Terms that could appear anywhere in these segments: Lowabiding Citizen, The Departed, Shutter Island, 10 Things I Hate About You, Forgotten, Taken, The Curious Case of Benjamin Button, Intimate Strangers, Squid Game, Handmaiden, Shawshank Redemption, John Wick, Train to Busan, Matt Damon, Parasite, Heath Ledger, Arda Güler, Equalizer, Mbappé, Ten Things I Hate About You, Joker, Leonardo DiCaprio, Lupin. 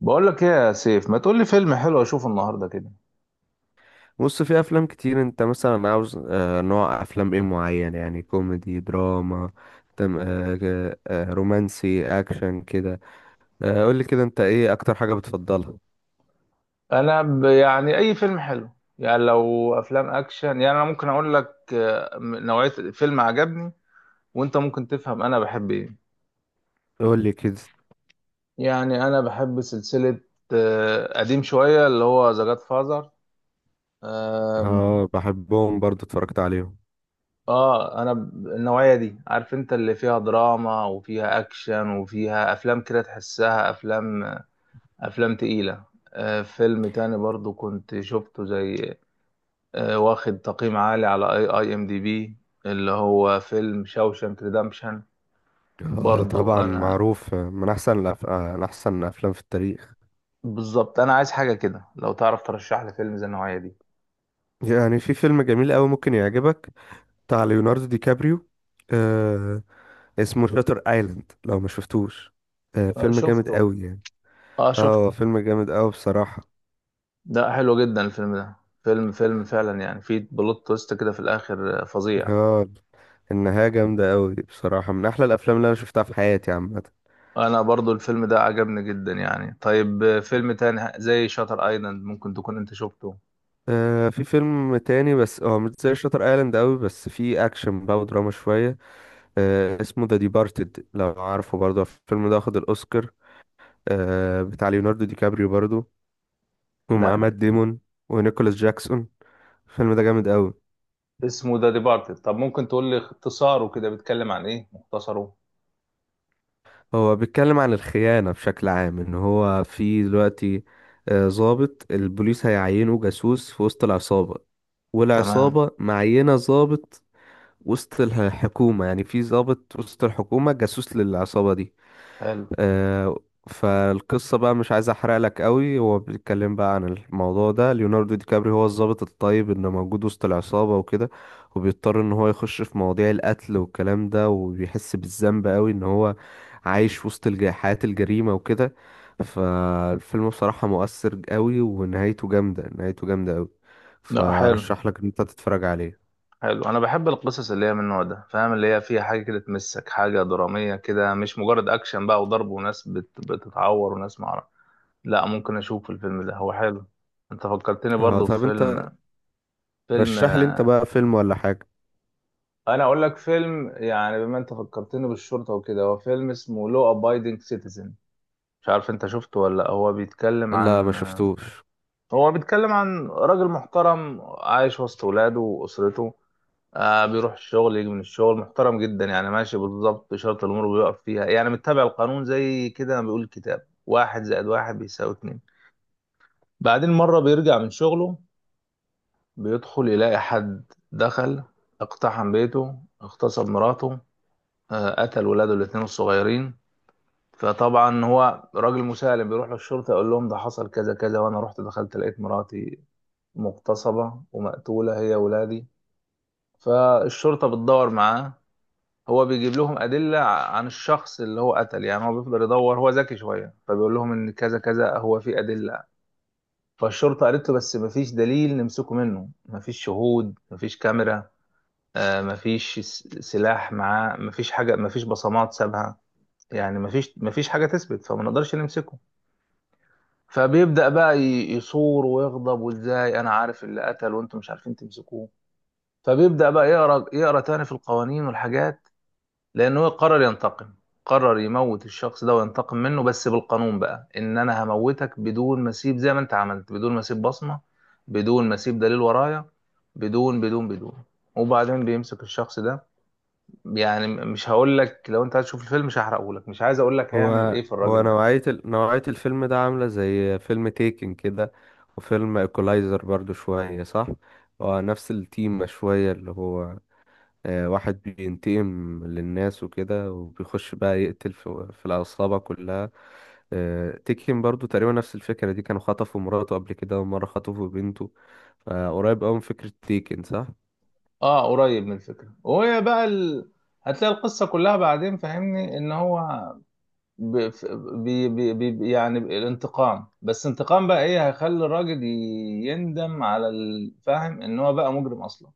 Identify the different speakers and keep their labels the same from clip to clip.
Speaker 1: بقول لك ايه يا سيف؟ ما تقول لي فيلم حلو اشوفه النهارده كده.
Speaker 2: بص، في افلام كتير. انت مثلا عاوز نوع افلام ايه معين؟ يعني كوميدي، دراما، تم آه، ك- آه، رومانسي، اكشن كده؟ قول لي كده، انت ايه اكتر حاجة بتفضلها؟
Speaker 1: انا ب... يعني اي فيلم حلو. يعني لو افلام اكشن، يعني انا ممكن اقول لك نوعية فيلم عجبني، وانت ممكن تفهم انا بحب ايه.
Speaker 2: قول لي كده.
Speaker 1: يعني انا بحب سلسلة قديم شوية اللي هو ذا جاد فازر. اه.
Speaker 2: اه بحبهم برضو، اتفرجت عليهم.
Speaker 1: انا النوعية دي، عارف انت اللي فيها دراما وفيها اكشن وفيها افلام كده تحسها افلام افلام تقيلة. فيلم تاني برضو كنت شفته، زي واخد تقييم عالي على IMDB، اللي هو فيلم شاوشانك ريدمبشن.
Speaker 2: اه
Speaker 1: برضو
Speaker 2: طبعا
Speaker 1: انا،
Speaker 2: معروف، من احسن الأف... آه، من احسن الافلام في التاريخ.
Speaker 1: بالظبط انا عايز حاجه كده، لو تعرف ترشح لي فيلم زي النوعيه دي.
Speaker 2: يعني في فيلم جميل قوي ممكن يعجبك، بتاع ليوناردو دي كابريو. آه، اسمه شاتر ايلاند، لو ما شفتوش. آه، فيلم جامد
Speaker 1: شفته.
Speaker 2: قوي.
Speaker 1: اه
Speaker 2: اه هو
Speaker 1: شفته.
Speaker 2: فيلم جامد قوي بصراحة.
Speaker 1: ده حلو جدا الفيلم ده. فيلم فعلا، يعني فيه بلوت تويست كده في الاخر فظيع.
Speaker 2: اه النهاية جامدة قوي بصراحة، من احلى الافلام اللي انا شفتها في حياتي عامة.
Speaker 1: انا برضو الفيلم ده عجبني جدا يعني. طيب، فيلم تاني زي شاتر ايلاند، ممكن تكون انت شفته؟
Speaker 2: آه في فيلم تاني، بس هو مش زي شاتر ايلاند قوي، بس فيه اكشن بقى ودراما شوية. آه اسمه ذا ديبارتد، لو عارفه برضه. الفيلم ده واخد الاوسكار. آه بتاع ليوناردو دي كابريو برضه، ومعاه
Speaker 1: لا.
Speaker 2: مات ديمون ونيكولاس جاكسون. الفيلم ده جامد قوي.
Speaker 1: اسمه ذا ديبارتد. طب ممكن تقول لي اختصاره كده، بيتكلم عن ايه مختصره؟
Speaker 2: هو بيتكلم عن الخيانة بشكل عام، ان هو في دلوقتي ضابط البوليس هيعينه جاسوس في وسط العصابة،
Speaker 1: تمام.
Speaker 2: والعصابة معينة ضابط وسط الحكومة. يعني في ضابط وسط الحكومة جاسوس للعصابة دي.
Speaker 1: حلو.
Speaker 2: آه، فالقصة بقى مش عايز احرق لك قوي، هو بيتكلم بقى عن الموضوع ده. ليوناردو دي كابري هو الضابط الطيب اللي موجود وسط العصابة وكده، وبيضطر ان هو يخش في مواضيع القتل والكلام ده، وبيحس بالذنب قوي ان هو عايش وسط حياة الجريمة وكده. فالفيلم بصراحة مؤثر قوي، ونهايته جامدة، نهايته جامدة قوي.
Speaker 1: لا، حلو.
Speaker 2: فرشح لك ان انت تتفرج عليه.
Speaker 1: حلو. انا بحب القصص اللي هي من النوع ده، فاهم؟ اللي هي فيها حاجه كده تمسك، حاجه دراميه كده، مش مجرد اكشن بقى وضرب وناس بتتعور وناس معرف. لا، ممكن اشوف الفيلم ده، هو حلو. انت فكرتني
Speaker 2: اه
Speaker 1: برضو
Speaker 2: طب انت
Speaker 1: بفيلم. فيلم
Speaker 2: رشح لي انت بقى فيلم ولا حاجة.
Speaker 1: انا اقول لك فيلم، يعني بما انت فكرتني بالشرطه وكده، هو فيلم اسمه لو ابايدنج سيتيزن. مش عارف انت شفته ولا لأ.
Speaker 2: لا، ما شفتوش.
Speaker 1: هو بيتكلم عن راجل محترم عايش وسط ولاده واسرته. بيروح الشغل يجي من الشغل، محترم جدا يعني، ماشي بالظبط شرط الأمور بيقف فيها يعني، متبع القانون، زي كده ما بيقول الكتاب واحد زائد واحد بيساوي اتنين. بعدين مرة بيرجع من شغله، بيدخل يلاقي حد دخل، اقتحم بيته، اغتصب مراته، قتل ولاده الاتنين الصغيرين. فطبعا هو راجل مسالم، بيروح للشرطة يقول لهم ده حصل كذا كذا، وأنا رحت دخلت لقيت مراتي مغتصبة ومقتولة، هي ولادي. فالشرطة بتدور معاه، هو بيجيب لهم أدلة عن الشخص اللي هو قتل، يعني هو بيفضل يدور، هو ذكي شوية، فبيقول لهم إن كذا كذا، هو في أدلة. فالشرطة قالت له بس مفيش دليل نمسكه منه، مفيش شهود، مفيش كاميرا، مفيش سلاح معاه، مفيش حاجة، مفيش بصمات سابها، يعني مفيش حاجة تثبت، فما نقدرش نمسكه. فبيبدأ بقى يصور ويغضب، وإزاي أنا عارف اللي قتل وأنتم مش عارفين تمسكوه؟ فبيبدأ بقى يقرأ يقرأ تاني في القوانين والحاجات، لان هو قرر ينتقم، قرر يموت الشخص ده وينتقم منه، بس بالقانون بقى، ان انا هموتك بدون ما اسيب، زي ما انت عملت، بدون ما اسيب بصمة، بدون ما اسيب دليل ورايا، بدون بدون بدون. وبعدين بيمسك الشخص ده، يعني مش هقول لك، لو انت هتشوف الفيلم مش هحرقه لك، مش عايز اقول لك هيعمل
Speaker 2: هو
Speaker 1: ايه في
Speaker 2: هو
Speaker 1: الراجل ده.
Speaker 2: نوعية نوعية الفيلم ده عاملة زي فيلم تيكن كده، وفيلم ايكولايزر برضو شوية، صح؟ هو نفس التيمة شوية، اللي هو واحد بينتقم للناس وكده، وبيخش بقى يقتل في العصابة كلها. تيكن برضو تقريبا نفس الفكرة دي. كانوا خطفوا مراته قبل كده، ومرة خطفوا بنته. فقريب أوي من فكرة تيكن، صح؟
Speaker 1: اه قريب من الفكرة. وهي بقى هتلاقي القصة كلها بعدين، فاهمني؟ ان هو ب... ف- بي... بي... بي... يعني الانتقام، بس انتقام بقى ايه هيخلي الراجل يندم على الفاهم ان هو بقى مجرم اصلا.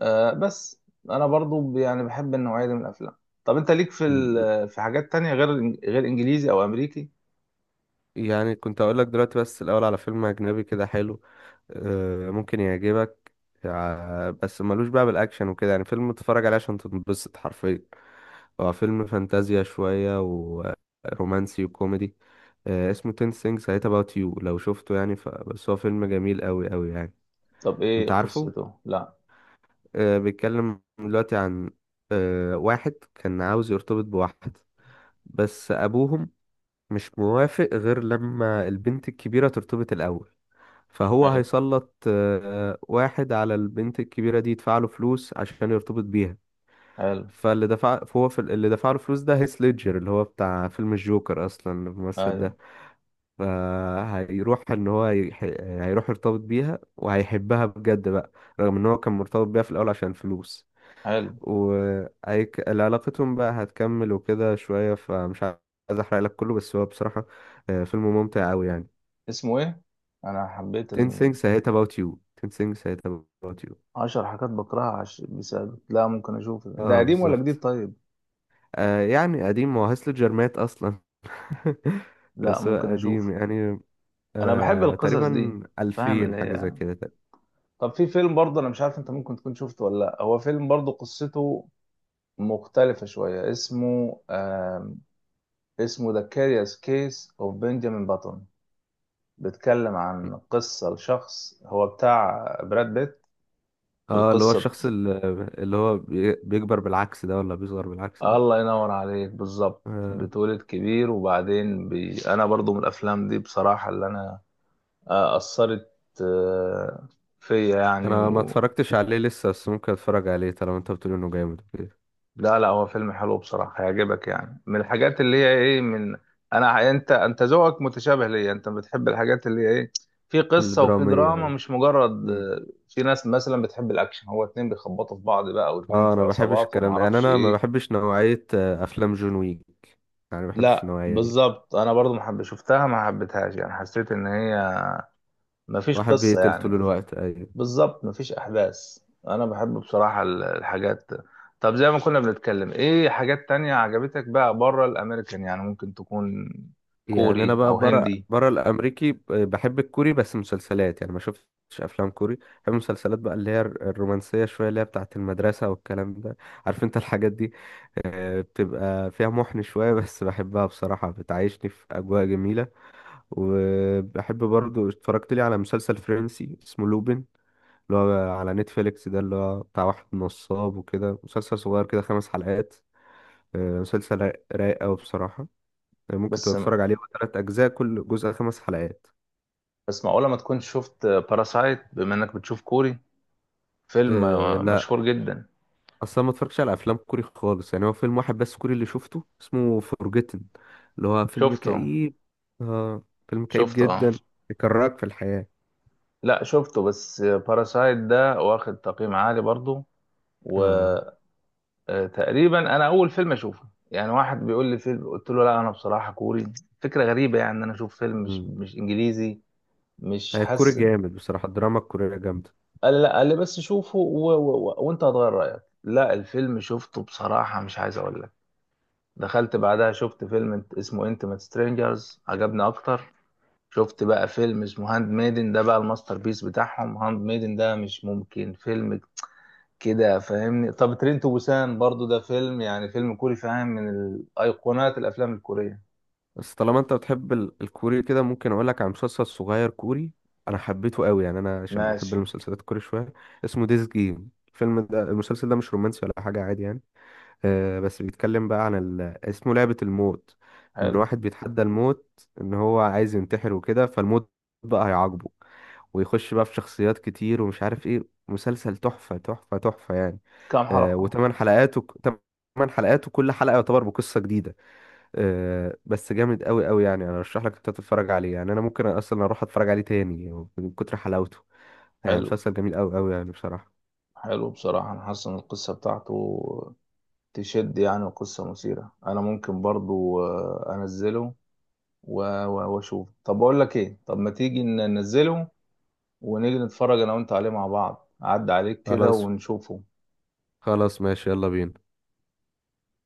Speaker 1: آه بس. انا برضو يعني بحب النوعية دي من الافلام. طب انت ليك في
Speaker 2: مم.
Speaker 1: في حاجات تانية غير غير انجليزي او امريكي؟
Speaker 2: يعني كنت أقول لك دلوقتي بس الأول على فيلم أجنبي كده حلو، ممكن يعجبك. بس ملوش بقى بالاكشن وكده، يعني فيلم تتفرج عليه عشان تنبسط حرفيا. هو فيلم فانتازيا شويه ورومانسي وكوميدي. آه، اسمه 10 things I hate about you، لو شفته يعني. بس هو فيلم جميل قوي قوي يعني.
Speaker 1: طب ايه
Speaker 2: انت عارفه،
Speaker 1: قصته؟ لا،
Speaker 2: بيتكلم دلوقتي عن واحد كان عاوز يرتبط بواحد، بس ابوهم مش موافق غير لما البنت الكبيره ترتبط الاول. فهو
Speaker 1: حلو.
Speaker 2: هيسلط واحد على البنت الكبيرة دي، يدفع له فلوس عشان يرتبط بيها.
Speaker 1: حلو.
Speaker 2: فاللي دفع، فهو في اللي دفع له فلوس ده هيث ليدجر، اللي هو بتاع فيلم الجوكر اصلا الممثل
Speaker 1: ايوه.
Speaker 2: ده. فهيروح ان هو هيروح يرتبط بيها، وهيحبها بجد بقى، رغم ان هو كان مرتبط بيها في الاول عشان فلوس.
Speaker 1: حلو.
Speaker 2: وهيك علاقتهم بقى هتكمل وكده شوية. فمش عايز احرق لك كله، بس هو بصراحة فيلم ممتع قوي يعني.
Speaker 1: اسمه ايه؟ انا حبيت
Speaker 2: 10 things I hate about you. 10 things I hate about you.
Speaker 1: 10 حاجات بكرهها. بسبب، لا، ممكن اشوفه. ده
Speaker 2: اه
Speaker 1: قديم ولا جديد؟
Speaker 2: بالظبط.
Speaker 1: طيب،
Speaker 2: آه يعني قديم، هو هاسل جرمات اصلا.
Speaker 1: لا
Speaker 2: بس هو
Speaker 1: ممكن اشوفه.
Speaker 2: قديم يعني،
Speaker 1: انا بحب
Speaker 2: آه
Speaker 1: القصص دي،
Speaker 2: تقريبا
Speaker 1: فاهم
Speaker 2: 2000
Speaker 1: اللي
Speaker 2: حاجة زي
Speaker 1: هي.
Speaker 2: كده تقريبا.
Speaker 1: طب في فيلم برضه، انا مش عارف انت ممكن تكون شفته ولا لا، هو فيلم برضه قصته مختلفة شوية، اسمه اسمه The Curious Case of Benjamin Button. بيتكلم عن قصة لشخص، هو بتاع براد بيت.
Speaker 2: اه اللي هو
Speaker 1: القصة ب-
Speaker 2: الشخص اللي، اللي هو بيكبر بالعكس ده ولا بيصغر بالعكس ده؟
Speaker 1: الله ينور عليك، بالظبط.
Speaker 2: آه
Speaker 1: بتولد كبير وبعدين انا برضو من الافلام دي بصراحة اللي انا اثرت آه، فيا يعني.
Speaker 2: انا ما اتفرجتش عليه لسه، بس ممكن اتفرج عليه طالما انت بتقول انه جامد وكده.
Speaker 1: لا لا، هو فيلم حلو بصراحة، هيعجبك. يعني من الحاجات اللي هي ايه، من انا انت، انت ذوقك متشابه ليا، انت بتحب الحاجات اللي هي ايه: في قصة وفي
Speaker 2: الدرامية،
Speaker 1: دراما،
Speaker 2: ايوه.
Speaker 1: مش مجرد
Speaker 2: مم.
Speaker 1: في ناس مثلا بتحب الاكشن، هو اتنين بيخبطوا في بعض بقى، واتنين
Speaker 2: اه
Speaker 1: في
Speaker 2: انا ما بحبش
Speaker 1: عصابات، وما
Speaker 2: الكلام ده، يعني
Speaker 1: اعرفش
Speaker 2: انا ما
Speaker 1: ايه.
Speaker 2: بحبش نوعية افلام جون ويك. يعني ما بحبش
Speaker 1: لا
Speaker 2: النوعية دي.
Speaker 1: بالظبط، انا برضو ما حب شفتها ما حبيتهاش، يعني حسيت ان هي ما فيش
Speaker 2: واحد
Speaker 1: قصة
Speaker 2: بيقتل طول
Speaker 1: يعني.
Speaker 2: الوقت، ايوه.
Speaker 1: بالظبط، مفيش احداث. انا بحب بصراحة الحاجات. طب زي ما كنا بنتكلم، ايه حاجات تانية عجبتك بقى بره الامريكان، يعني ممكن تكون
Speaker 2: يعني انا
Speaker 1: كوري
Speaker 2: بقى
Speaker 1: او
Speaker 2: بره
Speaker 1: هندي؟
Speaker 2: بره الامريكي بحب الكوري، بس مسلسلات. يعني ما شفتش افلام كوري. بحب مسلسلات بقى اللي هي الرومانسيه شويه، اللي هي بتاعه المدرسه والكلام ده، عارف انت الحاجات دي. بتبقى فيها محن شويه بس بحبها بصراحه، بتعيشني في اجواء جميله. وبحب برضو اتفرجت لي على مسلسل فرنسي اسمه لوبين، اللي هو على نتفليكس ده، اللي هو بتاع واحد نصاب وكده. مسلسل صغير كده، 5 حلقات. مسلسل رايق أوي بصراحة، يعني ممكن
Speaker 1: بس،
Speaker 2: تبقى تتفرج عليه. هو 3 اجزاء، كل جزء 5 حلقات.
Speaker 1: معقولة ما تكونش شفت باراسايت بما انك بتشوف كوري؟ فيلم
Speaker 2: أه لا،
Speaker 1: مشهور جدا.
Speaker 2: اصلا ما اتفرجتش على افلام كوري خالص. يعني هو فيلم واحد بس كوري اللي شفته، اسمه فورجيتن، اللي هو فيلم
Speaker 1: شفته؟
Speaker 2: كئيب. اه فيلم كئيب
Speaker 1: شفته اه.
Speaker 2: جدا، يكرهك في الحياة.
Speaker 1: لا شفته. بس باراسايت ده واخد تقييم عالي برضو، و
Speaker 2: اه.
Speaker 1: تقريبا انا اول فيلم اشوفه، يعني واحد بيقول لي فيلم قلت له لا، انا بصراحه كوري فكره غريبه يعني، ان انا اشوف فيلم مش
Speaker 2: مم.
Speaker 1: انجليزي، مش
Speaker 2: الكوري
Speaker 1: حسن.
Speaker 2: جامد بصراحة، الدراما الكورية جامدة.
Speaker 1: قال لي لا، قال لي بس شوفه وانت هتغير رايك. لا الفيلم شفته بصراحه، مش عايز اقول لك، دخلت بعدها شفت فيلم اسمه انتيمate سترينجرز، عجبني اكتر. شفت بقى فيلم اسمه هاند ميدن، ده بقى الماستر بيس بتاعهم، هاند ميدن ده مش ممكن فيلم كده، فاهمني؟ طب ترين تو بوسان برضو ده فيلم، يعني فيلم كوري فاهم، من الايقونات الافلام الكورية.
Speaker 2: بس طالما انت بتحب الكوري كده، ممكن اقول لك على مسلسل صغير كوري انا حبيته قوي، يعني انا عشان بحب
Speaker 1: ماشي.
Speaker 2: المسلسلات الكوري شوية. اسمه ديز جيم. الفيلم ده، المسلسل ده مش رومانسي ولا حاجة، عادي يعني. بس بيتكلم بقى عن ال... اسمه لعبة الموت. ان
Speaker 1: حلو.
Speaker 2: الواحد بيتحدى الموت، ان هو عايز ينتحر وكده، فالموت بقى هيعاقبه، ويخش بقى في شخصيات كتير ومش عارف ايه. مسلسل تحفة تحفة تحفة يعني.
Speaker 1: كام
Speaker 2: آه
Speaker 1: حلقة؟
Speaker 2: وثمان حلقاته، 8 حلقات، وكل حلقة يعتبر بقصة جديدة. آه بس جامد قوي قوي يعني. انا ارشح لك انت تتفرج عليه، يعني انا ممكن اصلا اروح اتفرج عليه تاني من كتر حلاوته. يعني
Speaker 1: حلو.
Speaker 2: مسلسل جميل قوي قوي يعني بصراحة.
Speaker 1: حلو بصراحة، انا حاسس ان القصة بتاعته تشد، يعني القصة مثيرة، انا ممكن برضو انزله واشوف. طب بقول لك ايه، طب ما تيجي ننزله ونيجي نتفرج انا وانت عليه مع بعض، اعد عليك كده
Speaker 2: خلاص.
Speaker 1: ونشوفه.
Speaker 2: خلاص ماشي، يلا بينا.